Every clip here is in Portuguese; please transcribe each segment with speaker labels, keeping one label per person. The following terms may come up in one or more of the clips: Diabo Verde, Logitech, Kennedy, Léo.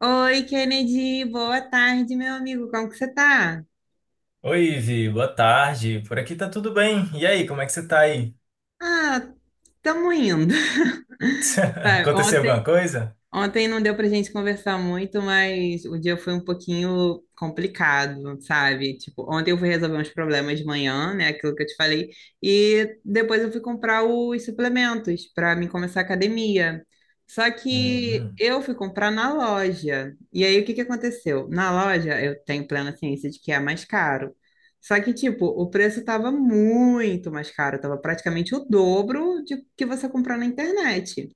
Speaker 1: Oi, Kennedy, boa tarde, meu amigo. Como que você tá?
Speaker 2: Oi, Ivi, boa tarde. Por aqui tá tudo bem. E aí, como é que você tá aí?
Speaker 1: Ah, tamo indo. Vai,
Speaker 2: Aconteceu alguma coisa?
Speaker 1: ontem não deu pra gente conversar muito, mas o dia foi um pouquinho complicado, sabe? Tipo, ontem eu fui resolver uns problemas de manhã, né? Aquilo que eu te falei. E depois eu fui comprar os suplementos para mim começar a academia. Só que
Speaker 2: Hum.
Speaker 1: eu fui comprar na loja. E aí, o que que aconteceu? Na loja, eu tenho plena ciência de que é mais caro. Só que, tipo, o preço estava muito mais caro, estava praticamente o dobro de que você comprar na internet.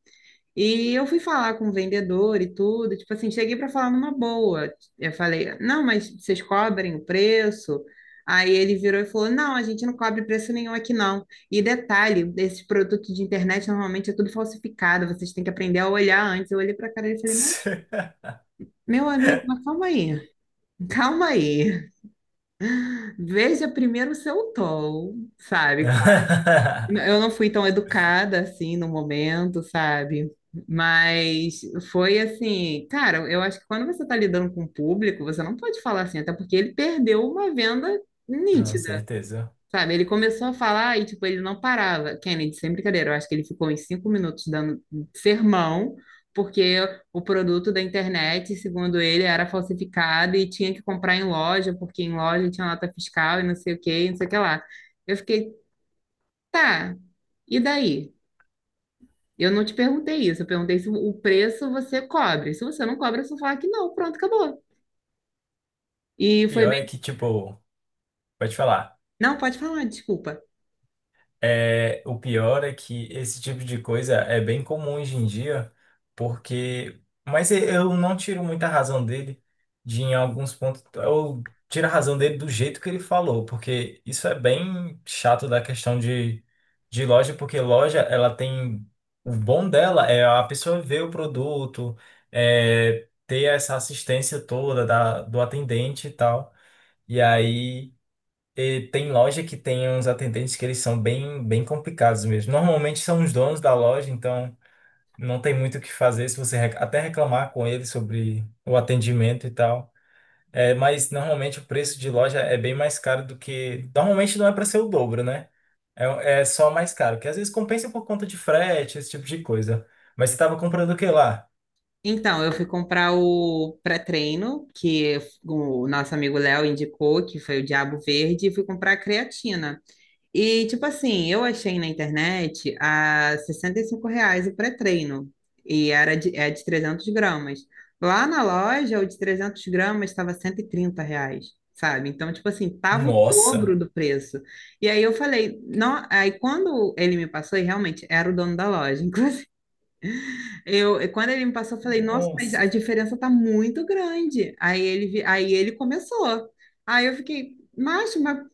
Speaker 1: E eu fui falar com o vendedor e tudo, tipo assim, cheguei para falar numa boa. Eu falei, não, mas vocês cobrem o preço? Aí ele virou e falou, não, a gente não cobre preço nenhum aqui não. E detalhe, esses produtos de internet normalmente é tudo falsificado, vocês têm que aprender a olhar antes. Eu olhei para a cara dele e falei, mas meu amigo, mas calma aí, calma aí. Veja primeiro o seu tom, sabe? Eu não fui tão educada assim no momento, sabe? Mas foi assim, cara, eu acho que quando você tá lidando com o público, você não pode falar assim, até porque ele perdeu uma venda
Speaker 2: Não,
Speaker 1: nítida,
Speaker 2: certeza.
Speaker 1: sabe? Ele começou a falar e, tipo, ele não parava. Kennedy, sem brincadeira, eu acho que ele ficou em 5 minutos dando sermão, porque o produto da internet, segundo ele, era falsificado e tinha que comprar em loja, porque em loja tinha nota fiscal e não sei o que, não sei o que lá. Eu fiquei, tá, e daí? Eu não te perguntei isso, eu perguntei se o preço você cobre. Se você não cobra, você fala que não, pronto, acabou.
Speaker 2: O
Speaker 1: E foi
Speaker 2: pior
Speaker 1: bem.
Speaker 2: é que, tipo, pode falar.
Speaker 1: Não, pode falar, desculpa.
Speaker 2: É, o pior é que esse tipo de coisa é bem comum hoje em dia, porque. Mas eu não tiro muita razão dele em alguns pontos. Eu tiro a razão dele do jeito que ele falou, porque isso é bem chato da questão de loja, porque loja, ela tem. O bom dela é a pessoa ver o produto, ter essa assistência toda do atendente e tal. E aí. E tem loja que tem uns atendentes que eles são bem, bem complicados mesmo. Normalmente são os donos da loja, então não tem muito o que fazer se você até reclamar com eles sobre o atendimento e tal. É, mas normalmente o preço de loja é bem mais caro do que. Normalmente não é para ser o dobro, né? É, é só mais caro, que às vezes compensa por conta de frete, esse tipo de coisa. Mas você estava comprando o que lá?
Speaker 1: Então, eu fui comprar o pré-treino, que o nosso amigo Léo indicou, que foi o Diabo Verde, e fui comprar a creatina. E, tipo assim, eu achei na internet a R$ 65 reais o pré-treino. E era de, é de 300 gramas. Lá na loja, o de 300 gramas estava R$ 130 reais, sabe? Então, tipo assim, tava o dobro
Speaker 2: Nossa!
Speaker 1: do preço. E aí eu falei, não, aí quando ele me passou, e realmente era o dono da loja, inclusive, eu, quando ele me passou, eu falei, nossa, mas
Speaker 2: Nossa!
Speaker 1: a diferença tá muito grande. Aí ele começou. Aí eu fiquei, macho, mas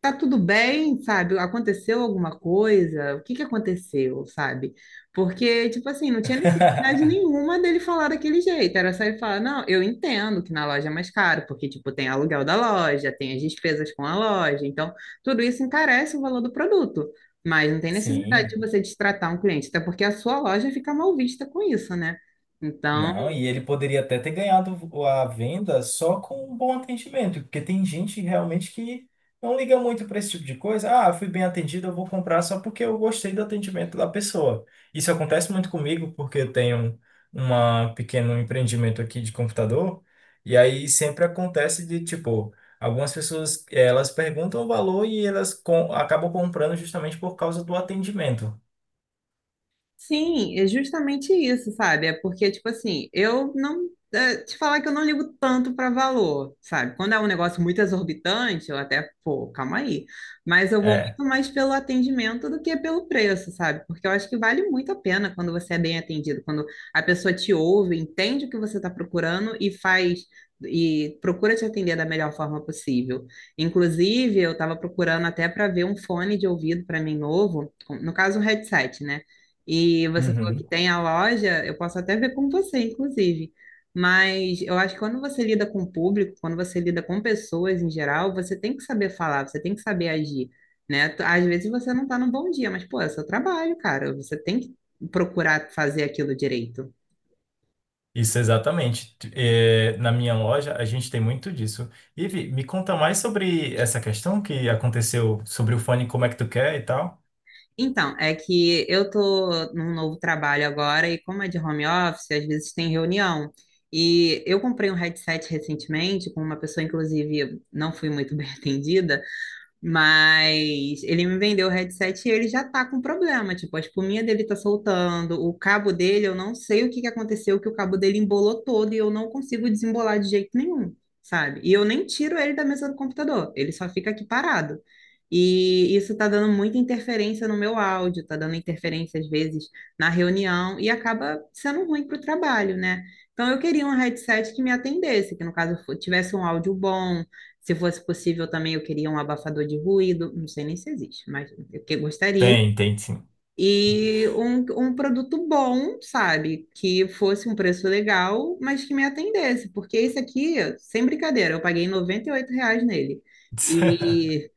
Speaker 1: tá tudo bem, sabe? Aconteceu alguma coisa? O que que aconteceu, sabe? Porque, tipo assim, não tinha necessidade nenhuma dele falar daquele jeito. Era só ele falar, não, eu entendo que na loja é mais caro, porque, tipo, tem aluguel da loja, tem as despesas com a loja. Então, tudo isso encarece o valor do produto. Mas não tem necessidade de
Speaker 2: Sim.
Speaker 1: você destratar um cliente, até porque a sua loja fica mal vista com isso, né? Então,
Speaker 2: Não, e ele poderia até ter ganhado a venda só com um bom atendimento, porque tem gente realmente que não liga muito para esse tipo de coisa. Ah, fui bem atendido, eu vou comprar só porque eu gostei do atendimento da pessoa. Isso acontece muito comigo, porque eu tenho um pequeno empreendimento aqui de computador, e aí sempre acontece de tipo, algumas pessoas elas perguntam o valor e elas acabam comprando justamente por causa do atendimento.
Speaker 1: sim, é justamente isso, sabe? É porque, tipo assim, eu não. É, te falar que eu não ligo tanto para valor, sabe? Quando é um negócio muito exorbitante, eu até, pô, calma aí. Mas eu vou
Speaker 2: É.
Speaker 1: muito mais pelo atendimento do que pelo preço, sabe? Porque eu acho que vale muito a pena quando você é bem atendido, quando a pessoa te ouve, entende o que você está procurando e faz. E procura te atender da melhor forma possível. Inclusive, eu estava procurando até para ver um fone de ouvido para mim novo, no caso, um headset, né? E você falou que
Speaker 2: Uhum.
Speaker 1: tem a loja, eu posso até ver com você, inclusive. Mas eu acho que quando você lida com o público, quando você lida com pessoas em geral, você tem que saber falar, você tem que saber agir, né? Às vezes você não tá num bom dia, mas, pô, é seu trabalho, cara. Você tem que procurar fazer aquilo direito.
Speaker 2: Isso, exatamente. Na minha loja, a gente tem muito disso. Ivi, me conta mais sobre essa questão que aconteceu sobre o fone, como é que tu quer e tal.
Speaker 1: Então, é que eu tô num novo trabalho agora e como é de home office, às vezes tem reunião. E eu comprei um headset recentemente com uma pessoa, inclusive, não fui muito bem atendida, mas ele me vendeu o headset e ele já tá com problema. Tipo, a espuminha dele tá soltando, o cabo dele, eu não sei o que que aconteceu, que o cabo dele embolou todo e eu não consigo desembolar de jeito nenhum, sabe? E eu nem tiro ele da mesa do computador, ele só fica aqui parado. E isso tá dando muita interferência no meu áudio, tá dando interferência às vezes na reunião e acaba sendo ruim pro trabalho, né? Então eu queria um headset que me atendesse, que no caso tivesse um áudio bom, se fosse possível também, eu queria um abafador de ruído, não sei nem se existe, mas eu que gostaria.
Speaker 2: Tem, tem sim.
Speaker 1: E um produto bom, sabe? Que fosse um preço legal, mas que me atendesse. Porque esse aqui, sem brincadeira, eu paguei R$ 98 nele. E,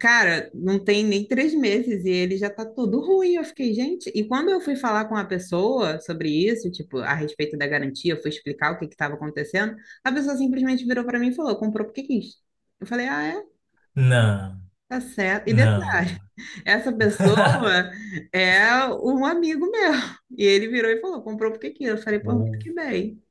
Speaker 1: cara, não tem nem 3 meses e ele já tá todo ruim. Eu fiquei, gente. E quando eu fui falar com a pessoa sobre isso, tipo, a respeito da garantia, eu fui explicar o que que estava acontecendo, a pessoa simplesmente virou para mim e falou: comprou porque quis. Eu falei, ah, é?
Speaker 2: Não,
Speaker 1: Tá certo. E
Speaker 2: não.
Speaker 1: detalhe, essa pessoa é um amigo meu. E ele virou e falou, comprou porque quis. Eu falei, pô, muito que bem.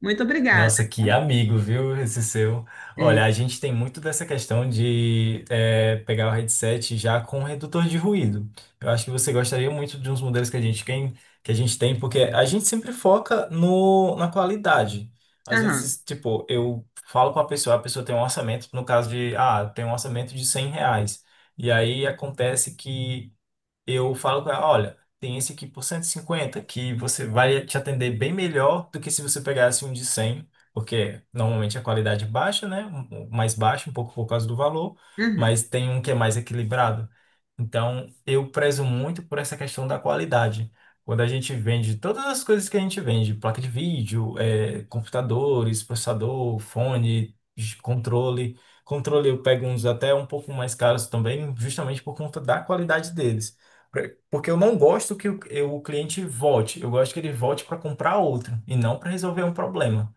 Speaker 1: Muito obrigada.
Speaker 2: Nossa, que amigo, viu, esse seu. Olha,
Speaker 1: É.
Speaker 2: a gente tem muito dessa questão de pegar o headset já com redutor de ruído. Eu acho que você gostaria muito de uns modelos que a gente tem, porque a gente sempre foca no, na qualidade. Às
Speaker 1: Aham.
Speaker 2: vezes, tipo, eu falo com a pessoa tem um orçamento, no caso de, tem um orçamento de R$ 100. E aí acontece que eu falo com ela, olha, tem esse aqui por 150 que você vai te atender bem melhor do que se você pegasse um de 100 porque normalmente a qualidade é baixa, né? Um mais baixa, um pouco por causa do valor,
Speaker 1: Uhum.
Speaker 2: mas tem um que é mais equilibrado. Então, eu prezo muito por essa questão da qualidade. Quando a gente vende todas as coisas que a gente vende, placa de vídeo, computadores, processador, fone, controle. Controle eu pego uns até um pouco mais caros também, justamente por conta da qualidade deles. É, porque eu não gosto que o cliente volte. Eu gosto que ele volte para comprar outro e não para resolver um problema.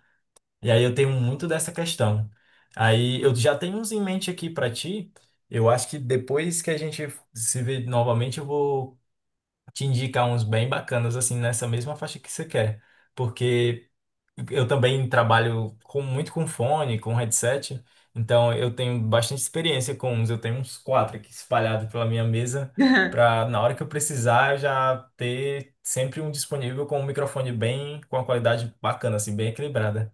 Speaker 2: E aí eu tenho muito dessa questão. Aí eu já tenho uns em mente aqui para ti. Eu acho que depois que a gente se vê novamente, eu vou te indicar uns bem bacanas assim nessa mesma faixa que você quer. Porque eu também trabalho muito com fone, com headset, então eu tenho bastante experiência com uns. Eu tenho uns quatro aqui espalhados pela minha mesa, para na hora que eu precisar eu já ter sempre um disponível com um microfone bem, com uma qualidade bacana, assim, bem equilibrada.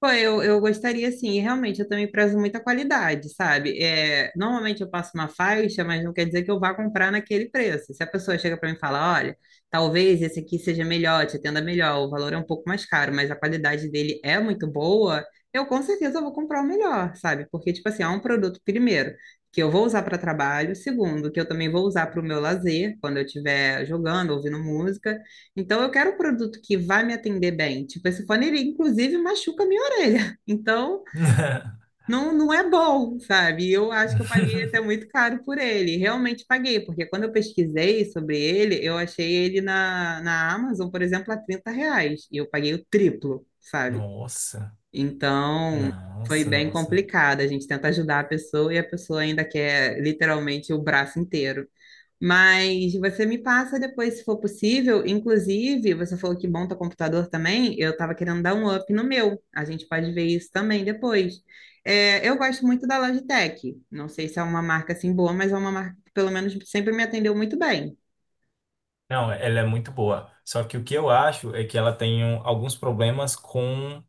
Speaker 1: Pô, eu gostaria sim, e realmente eu também prezo muita qualidade, sabe? É, normalmente eu passo uma faixa, mas não quer dizer que eu vá comprar naquele preço. Se a pessoa chega para mim e fala, olha, talvez esse aqui seja melhor, te atenda melhor, o valor é um pouco mais caro, mas a qualidade dele é muito boa, eu com certeza vou comprar o melhor, sabe? Porque, tipo assim, é um produto, primeiro, que eu vou usar para trabalho, segundo, que eu também vou usar para o meu lazer, quando eu estiver jogando, ouvindo música. Então, eu quero um produto que vai me atender bem. Tipo, esse fone, ele inclusive machuca a minha espelha. Então, não, não é bom, sabe? Eu acho que eu paguei até muito caro por ele. Realmente paguei, porque quando eu pesquisei sobre ele, eu achei ele na Amazon, por exemplo, a R$ 30. E eu paguei o triplo, sabe?
Speaker 2: Nossa,
Speaker 1: Então, foi
Speaker 2: nossa,
Speaker 1: bem
Speaker 2: nossa.
Speaker 1: complicado. A gente tenta ajudar a pessoa e a pessoa ainda quer literalmente o braço inteiro. Mas você me passa depois, se for possível. Inclusive, você falou que monta computador também. Eu estava querendo dar um up no meu. A gente pode ver isso também depois. É, eu gosto muito da Logitech. Não sei se é uma marca assim boa, mas é uma marca que pelo menos sempre me atendeu muito bem.
Speaker 2: Não, ela é muito boa. Só que o que eu acho é que ela tem alguns problemas com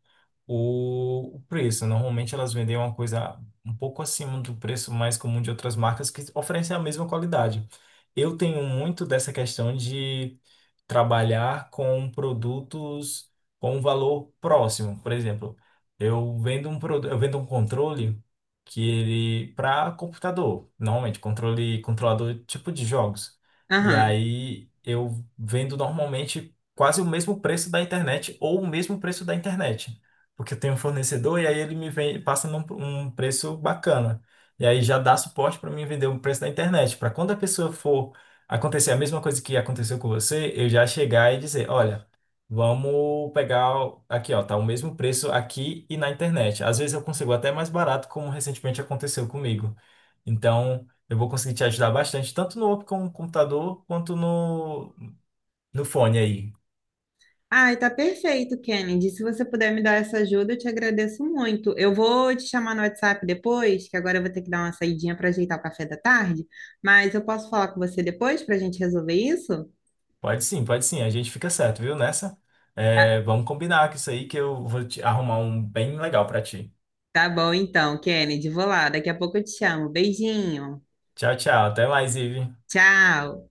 Speaker 2: o preço. Normalmente elas vendem uma coisa um pouco acima do preço mais comum de outras marcas que oferecem a mesma qualidade. Eu tenho muito dessa questão de trabalhar com produtos com um valor próximo. Por exemplo, eu vendo um produto, eu vendo um controle que ele para computador, normalmente controle controlador tipo de jogos. E
Speaker 1: Aham.
Speaker 2: aí eu vendo normalmente quase o mesmo preço da internet ou o mesmo preço da internet. Porque eu tenho um fornecedor e aí ele me vem, passa um preço bacana. E aí já dá suporte para mim vender o preço da internet. Para quando a pessoa for acontecer a mesma coisa que aconteceu com você, eu já chegar e dizer, olha, vamos pegar aqui, ó, tá o mesmo preço aqui e na internet. Às vezes eu consigo até mais barato, como recentemente aconteceu comigo. Então, eu vou conseguir te ajudar bastante, tanto no computador quanto no fone aí.
Speaker 1: Ai, tá perfeito, Kennedy. Se você puder me dar essa ajuda, eu te agradeço muito. Eu vou te chamar no WhatsApp depois, que agora eu vou ter que dar uma saidinha para ajeitar o café da tarde, mas eu posso falar com você depois para a gente resolver isso?
Speaker 2: Pode sim, a gente fica certo, viu? Nessa, é, vamos combinar com isso aí que eu vou te arrumar um bem legal pra ti.
Speaker 1: Tá bom então, Kennedy, vou lá. Daqui a pouco eu te chamo. Beijinho.
Speaker 2: Tchau, tchau, até mais, Ive.
Speaker 1: Tchau.